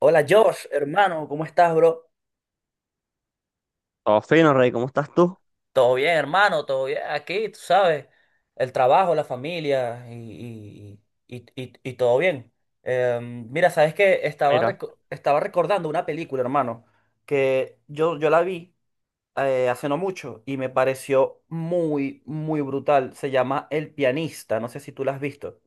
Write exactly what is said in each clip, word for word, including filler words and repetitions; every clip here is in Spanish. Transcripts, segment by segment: Hola Josh, hermano, ¿cómo estás, bro? Todo fino, Rey, ¿cómo estás tú? Todo bien, hermano, todo bien. Aquí, tú sabes, el trabajo, la familia y, y, y, y- y todo bien. Em, mira, sabes que estaba, Mira, reco- estaba recordando una película, hermano, que yo, yo la vi eh, hace no mucho y me pareció muy, muy brutal. Se llama El Pianista, no sé si tú la has visto.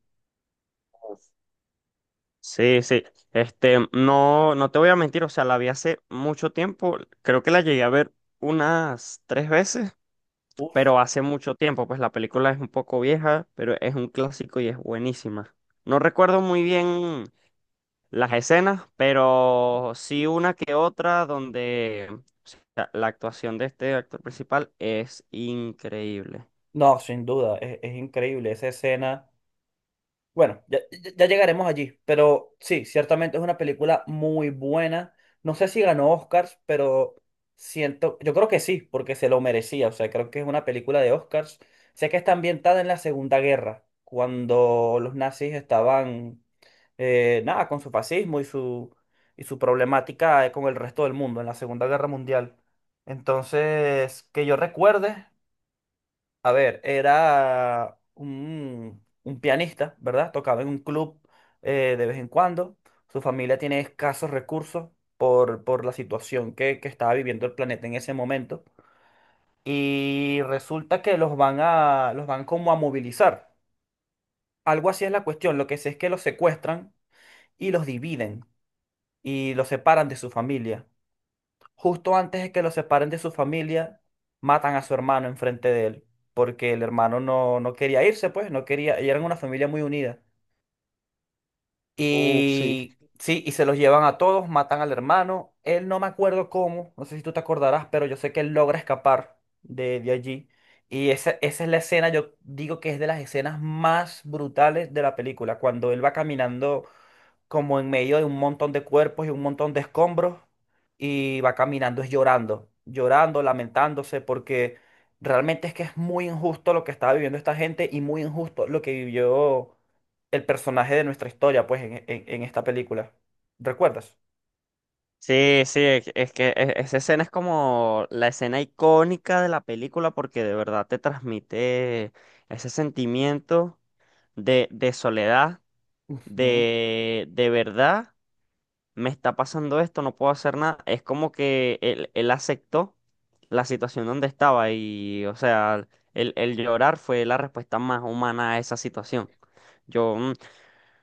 sí, sí. Este, no, no te voy a mentir, o sea, la vi hace mucho tiempo. Creo que la llegué a ver unas tres veces, Uf. pero hace mucho tiempo. Pues la película es un poco vieja, pero es un clásico y es buenísima. No recuerdo muy bien las escenas, pero sí una que otra donde o sea, la actuación de este actor principal es increíble. No, sin duda, es, es increíble esa escena. Bueno, ya, ya- ya llegaremos allí, pero sí, ciertamente es una película muy buena. No sé si ganó Oscars, pero siento, yo creo que sí, porque se lo merecía. O sea, creo que es una película de Oscars. Sé que está ambientada en la Segunda Guerra, cuando los nazis estaban, eh, nada, con su fascismo y su, y su problemática, eh, con el resto del mundo en la Segunda Guerra Mundial. Entonces, que yo recuerde, a ver, era un, un pianista, ¿verdad? Tocaba en un club eh, de vez en cuando. Su familia tiene escasos recursos por, por la situación que, que estaba viviendo el planeta en ese momento. Y resulta que los van a, los van como a movilizar. Algo así es la cuestión. Lo que sé es que los secuestran y los dividen y los separan de su familia. Justo antes de que lo separen de su familia, matan a su hermano enfrente de él, porque el hermano no, no quería irse, pues, no quería, y eran una familia muy unida. Oh, sí. Y sí, y se los llevan a todos, matan al hermano. Él, no me acuerdo cómo, no sé si tú te acordarás, pero yo sé que él logra escapar de, de allí. Y esa, esa es la escena, yo digo que es de las escenas más brutales de la película, cuando él va caminando como en medio de un montón de cuerpos y un montón de escombros y va caminando es llorando, llorando, lamentándose porque realmente es que es muy injusto lo que estaba viviendo esta gente y muy injusto lo que vivió el personaje de nuestra historia, pues, en, en- en esta película. ¿Recuerdas? Sí, sí, es es que e- esa escena es como la escena icónica de la película porque de verdad te transmite ese sentimiento de, de soledad, Ujú. de, de verdad, me está pasando esto, no puedo hacer nada. Es como que él, él aceptó la situación donde estaba y, o sea, el, el llorar fue la respuesta más humana a esa situación. Yo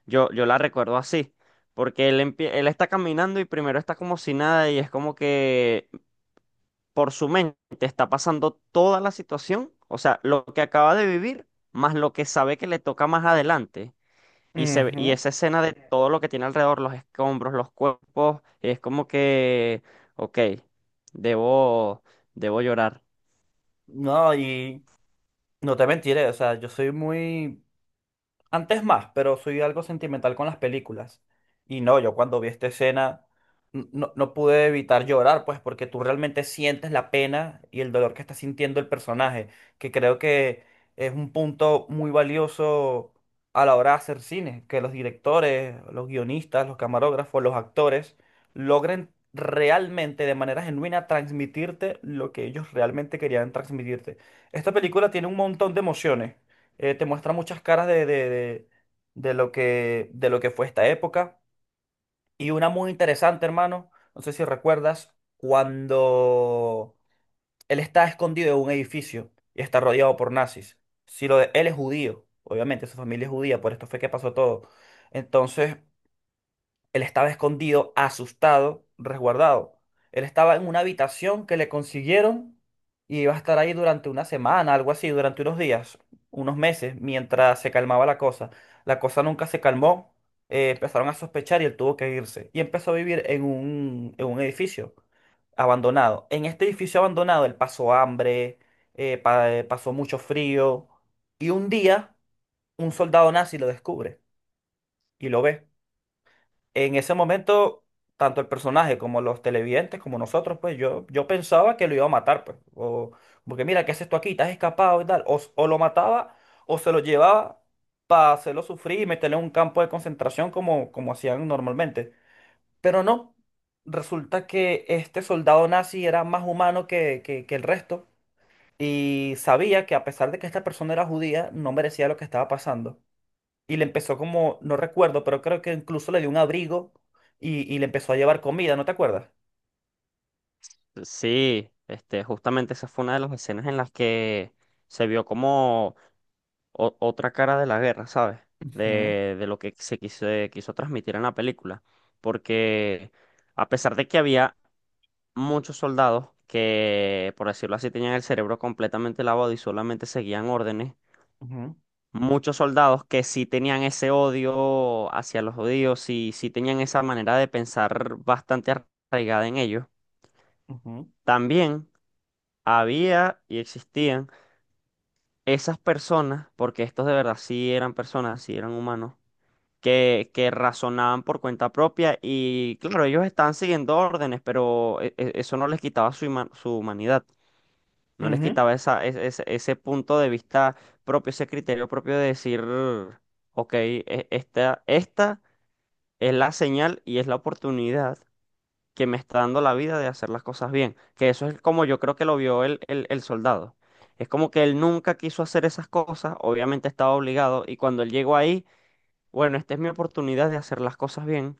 yo, yo la recuerdo así, porque él, empie- él está caminando y primero está como si nada y es como que por su mente está pasando toda la situación, o sea, lo que acaba de vivir, más lo que sabe que le toca más adelante. Y, se, ve- y Ujú. esa escena de todo lo que tiene alrededor, los escombros, los cuerpos, es como que, ok, debo, debo llorar. No, y no te mentiré, o sea, yo soy muy... Antes más, pero soy algo sentimental con las películas. Y no, yo cuando vi esta escena n- no, no pude evitar llorar, pues porque tú realmente sientes la pena y el dolor que está sintiendo el personaje, que creo que es un punto muy valioso a la hora de hacer cine, que los directores, los guionistas, los camarógrafos, los actores logren realmente de manera genuina transmitirte lo que ellos realmente querían transmitirte. Esta película tiene un montón de emociones, eh, te muestra muchas caras de, de, de- de lo que, de lo que fue esta época. Y una muy interesante, hermano, no sé si recuerdas, cuando él está escondido en un edificio y está rodeado por nazis. Si lo de, él es judío, obviamente, su familia es judía, por esto fue que pasó todo. Entonces, él estaba escondido, asustado, resguardado. Él estaba en una habitación que le consiguieron y iba a estar ahí durante una semana, algo así, durante unos días, unos meses, mientras se calmaba la cosa. La cosa nunca se calmó, eh, empezaron a sospechar y él tuvo que irse. Y empezó a vivir en un, en un edificio abandonado. En este edificio abandonado él pasó hambre, eh, pa- eh, pasó mucho frío y un día un soldado nazi lo descubre y lo ve. En ese momento, tanto el personaje como los televidentes, como nosotros, pues yo, yo pensaba que lo iba a matar, pues. O, porque mira, ¿qué haces tú aquí? ¿Estás escapado y tal? O, s- o lo mataba o se lo llevaba para hacerlo sufrir y meterle en un campo de concentración como, como hacían normalmente. Pero no, resulta que este soldado nazi era más humano que, que que el resto, y sabía que a pesar de que esta persona era judía, no merecía lo que estaba pasando y le empezó como, no recuerdo, pero creo que incluso le dio un abrigo y, y le empezó a llevar comida, ¿no te acuerdas? Sí, este, justamente esa fue una de las escenas en las que se vio como... o- otra cara de la guerra, ¿sabes? Ujú, De, de lo que se quiso, quiso transmitir en la película. Porque a pesar de que había muchos soldados que, por decirlo así, tenían el cerebro completamente lavado y solamente seguían órdenes, ujú, muchos soldados que sí tenían ese odio hacia los judíos y sí tenían esa manera de pensar bastante arraigada en ellos, ujú, también había y existían esas personas, porque estos de verdad sí eran personas, sí eran humanos que, que razonaban por cuenta propia y claro, ellos estaban siguiendo órdenes, pero e- e- eso no les quitaba su, huma- su humanidad, no les ujú, quitaba esa, es- ese, ese punto de vista propio, ese criterio propio de decir, ok, e- esta, esta es la señal y es la oportunidad que me está dando la vida de hacer las cosas bien, que eso es como yo creo que lo vio el, el, el soldado. Es como que él nunca quiso hacer esas cosas, obviamente estaba obligado, y cuando él llegó ahí, bueno, esta es mi oportunidad de hacer las cosas bien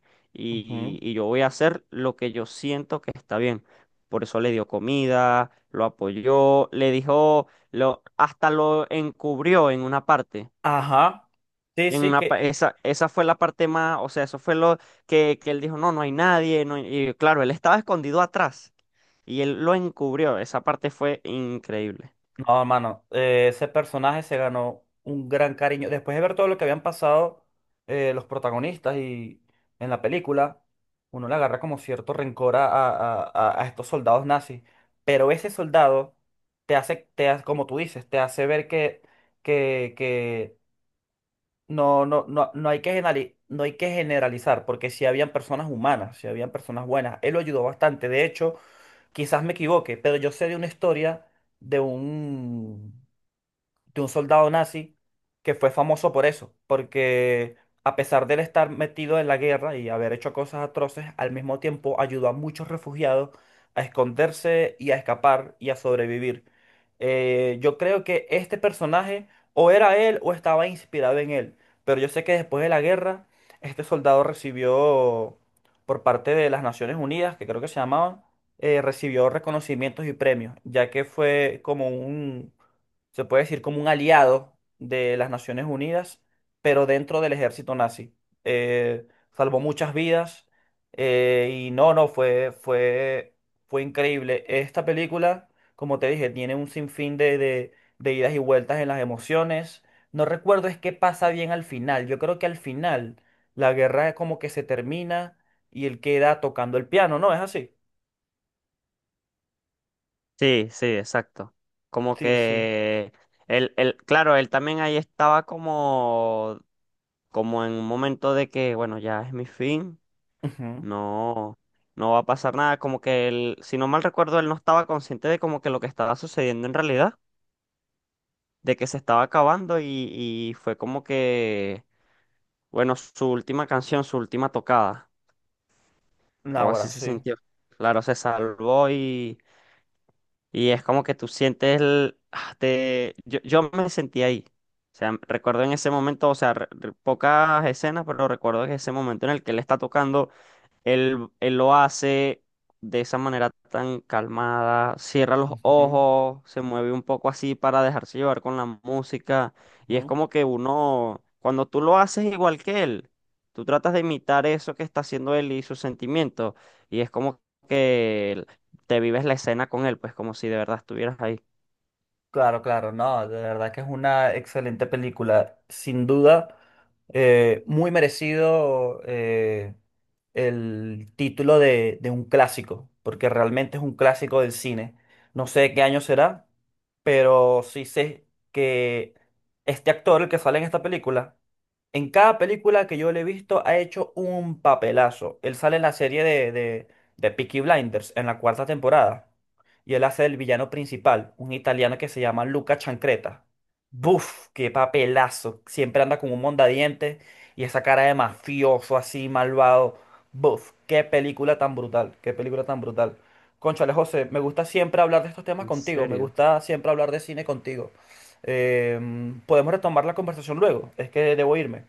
ujú. y, y yo voy a hacer lo que yo siento que está bien. Por eso le dio comida, lo apoyó, le dijo, lo, hasta lo encubrió en una parte. Ajá. Sí, En sí, una, pa- que... esa, esa fue la parte más, o sea, eso fue lo que, que él dijo, no, no hay nadie. No hay-". Y claro, él estaba escondido atrás y él lo encubrió. Esa parte fue increíble. No, hermano, eh, ese personaje se ganó un gran cariño. Después de ver todo lo que habían pasado, eh, los protagonistas y en la película, uno le agarra como cierto rencor a, a- a- a estos soldados nazis. Pero ese soldado te hace, te hace, como tú dices, te hace ver que, que, que no, no, no, no hay que generali- no hay que generalizar, porque si habían personas humanas, si habían personas buenas, él lo ayudó bastante. De hecho, quizás me equivoque, pero yo sé de una historia de un, de un soldado nazi que fue famoso por eso, porque a pesar de él estar metido en la guerra y haber hecho cosas atroces, al mismo tiempo ayudó a muchos refugiados a esconderse y a escapar y a sobrevivir. Eh, yo creo que este personaje o era él o estaba inspirado en él, pero yo sé que después de la guerra, este soldado recibió por parte de las Naciones Unidas, que creo que se llamaban, eh, recibió reconocimientos y premios, ya que fue como un, se puede decir como un aliado de las Naciones Unidas, pero dentro del ejército nazi. Eh, Salvó muchas vidas, eh, y no, no, fue, fue, fue increíble. Esta película, como te dije, tiene un sinfín de, de, de idas y vueltas en las emociones. No recuerdo es qué pasa bien al final. Yo creo que al final la guerra es como que se termina y él queda tocando el piano, ¿no? ¿Es así? Sí, sí, exacto. Como Sí, sí. que él, él- claro, él también ahí estaba como como en un momento de que, bueno, ya es mi fin, Ujú. no, no va a pasar nada, como que él, si no mal recuerdo, él no estaba consciente de como que lo que estaba sucediendo en realidad, de que se estaba acabando y, y fue como que, bueno, su última canción, su última tocada, o Náguara, así se sí. sintió. Claro, se salvó y, y es como que tú sientes el, ah, te, yo, yo me sentí ahí. O sea, recuerdo en ese momento, o sea, re- re- pocas escenas, pero recuerdo que ese momento en el que él está tocando. Él, él lo hace de esa manera tan calmada, cierra los Ujú, ojos, se mueve un poco así para dejarse llevar con la música. Y es ujú. como que uno, cuando tú lo haces igual que él, tú tratas de imitar eso que está haciendo él y sus sentimientos. Y es como que te vives la escena con él, pues como si de verdad estuvieras ahí. Claro, claro, no, de verdad que es una excelente película, sin duda, eh, muy merecido, eh, el título de, de un clásico, porque realmente es un clásico del cine. No sé de qué año será, pero sí sé que este actor, el que sale en esta película, en cada película que yo le he visto ha hecho un papelazo. Él sale en la serie de, de, de Peaky Blinders, en la cuarta temporada, y él hace el villano principal, un italiano que se llama Luca Chancreta. ¡Buf! ¡Qué papelazo! Siempre anda con un mondadiente y esa cara de mafioso así, malvado. ¡Buf! ¡Qué película tan brutal! ¡Qué película tan brutal! Cónchale, José, me gusta siempre hablar de estos temas ¿En contigo, me serio? gusta siempre hablar de cine contigo. Em, podemos retomar la conversación luego, es que debo irme.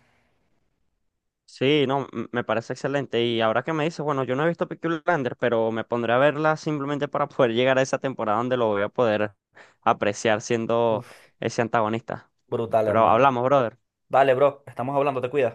Sí, no, m- me parece excelente. Y ahora que me dices, bueno, yo no he visto Peaky Blinders, pero me pondré a verla simplemente para poder llegar a esa temporada donde lo voy a poder apreciar siendo ¡Uf! ese antagonista. Brutal, Pero hermano. hablamos, brother. Dale, bro, estamos hablando, te cuidas.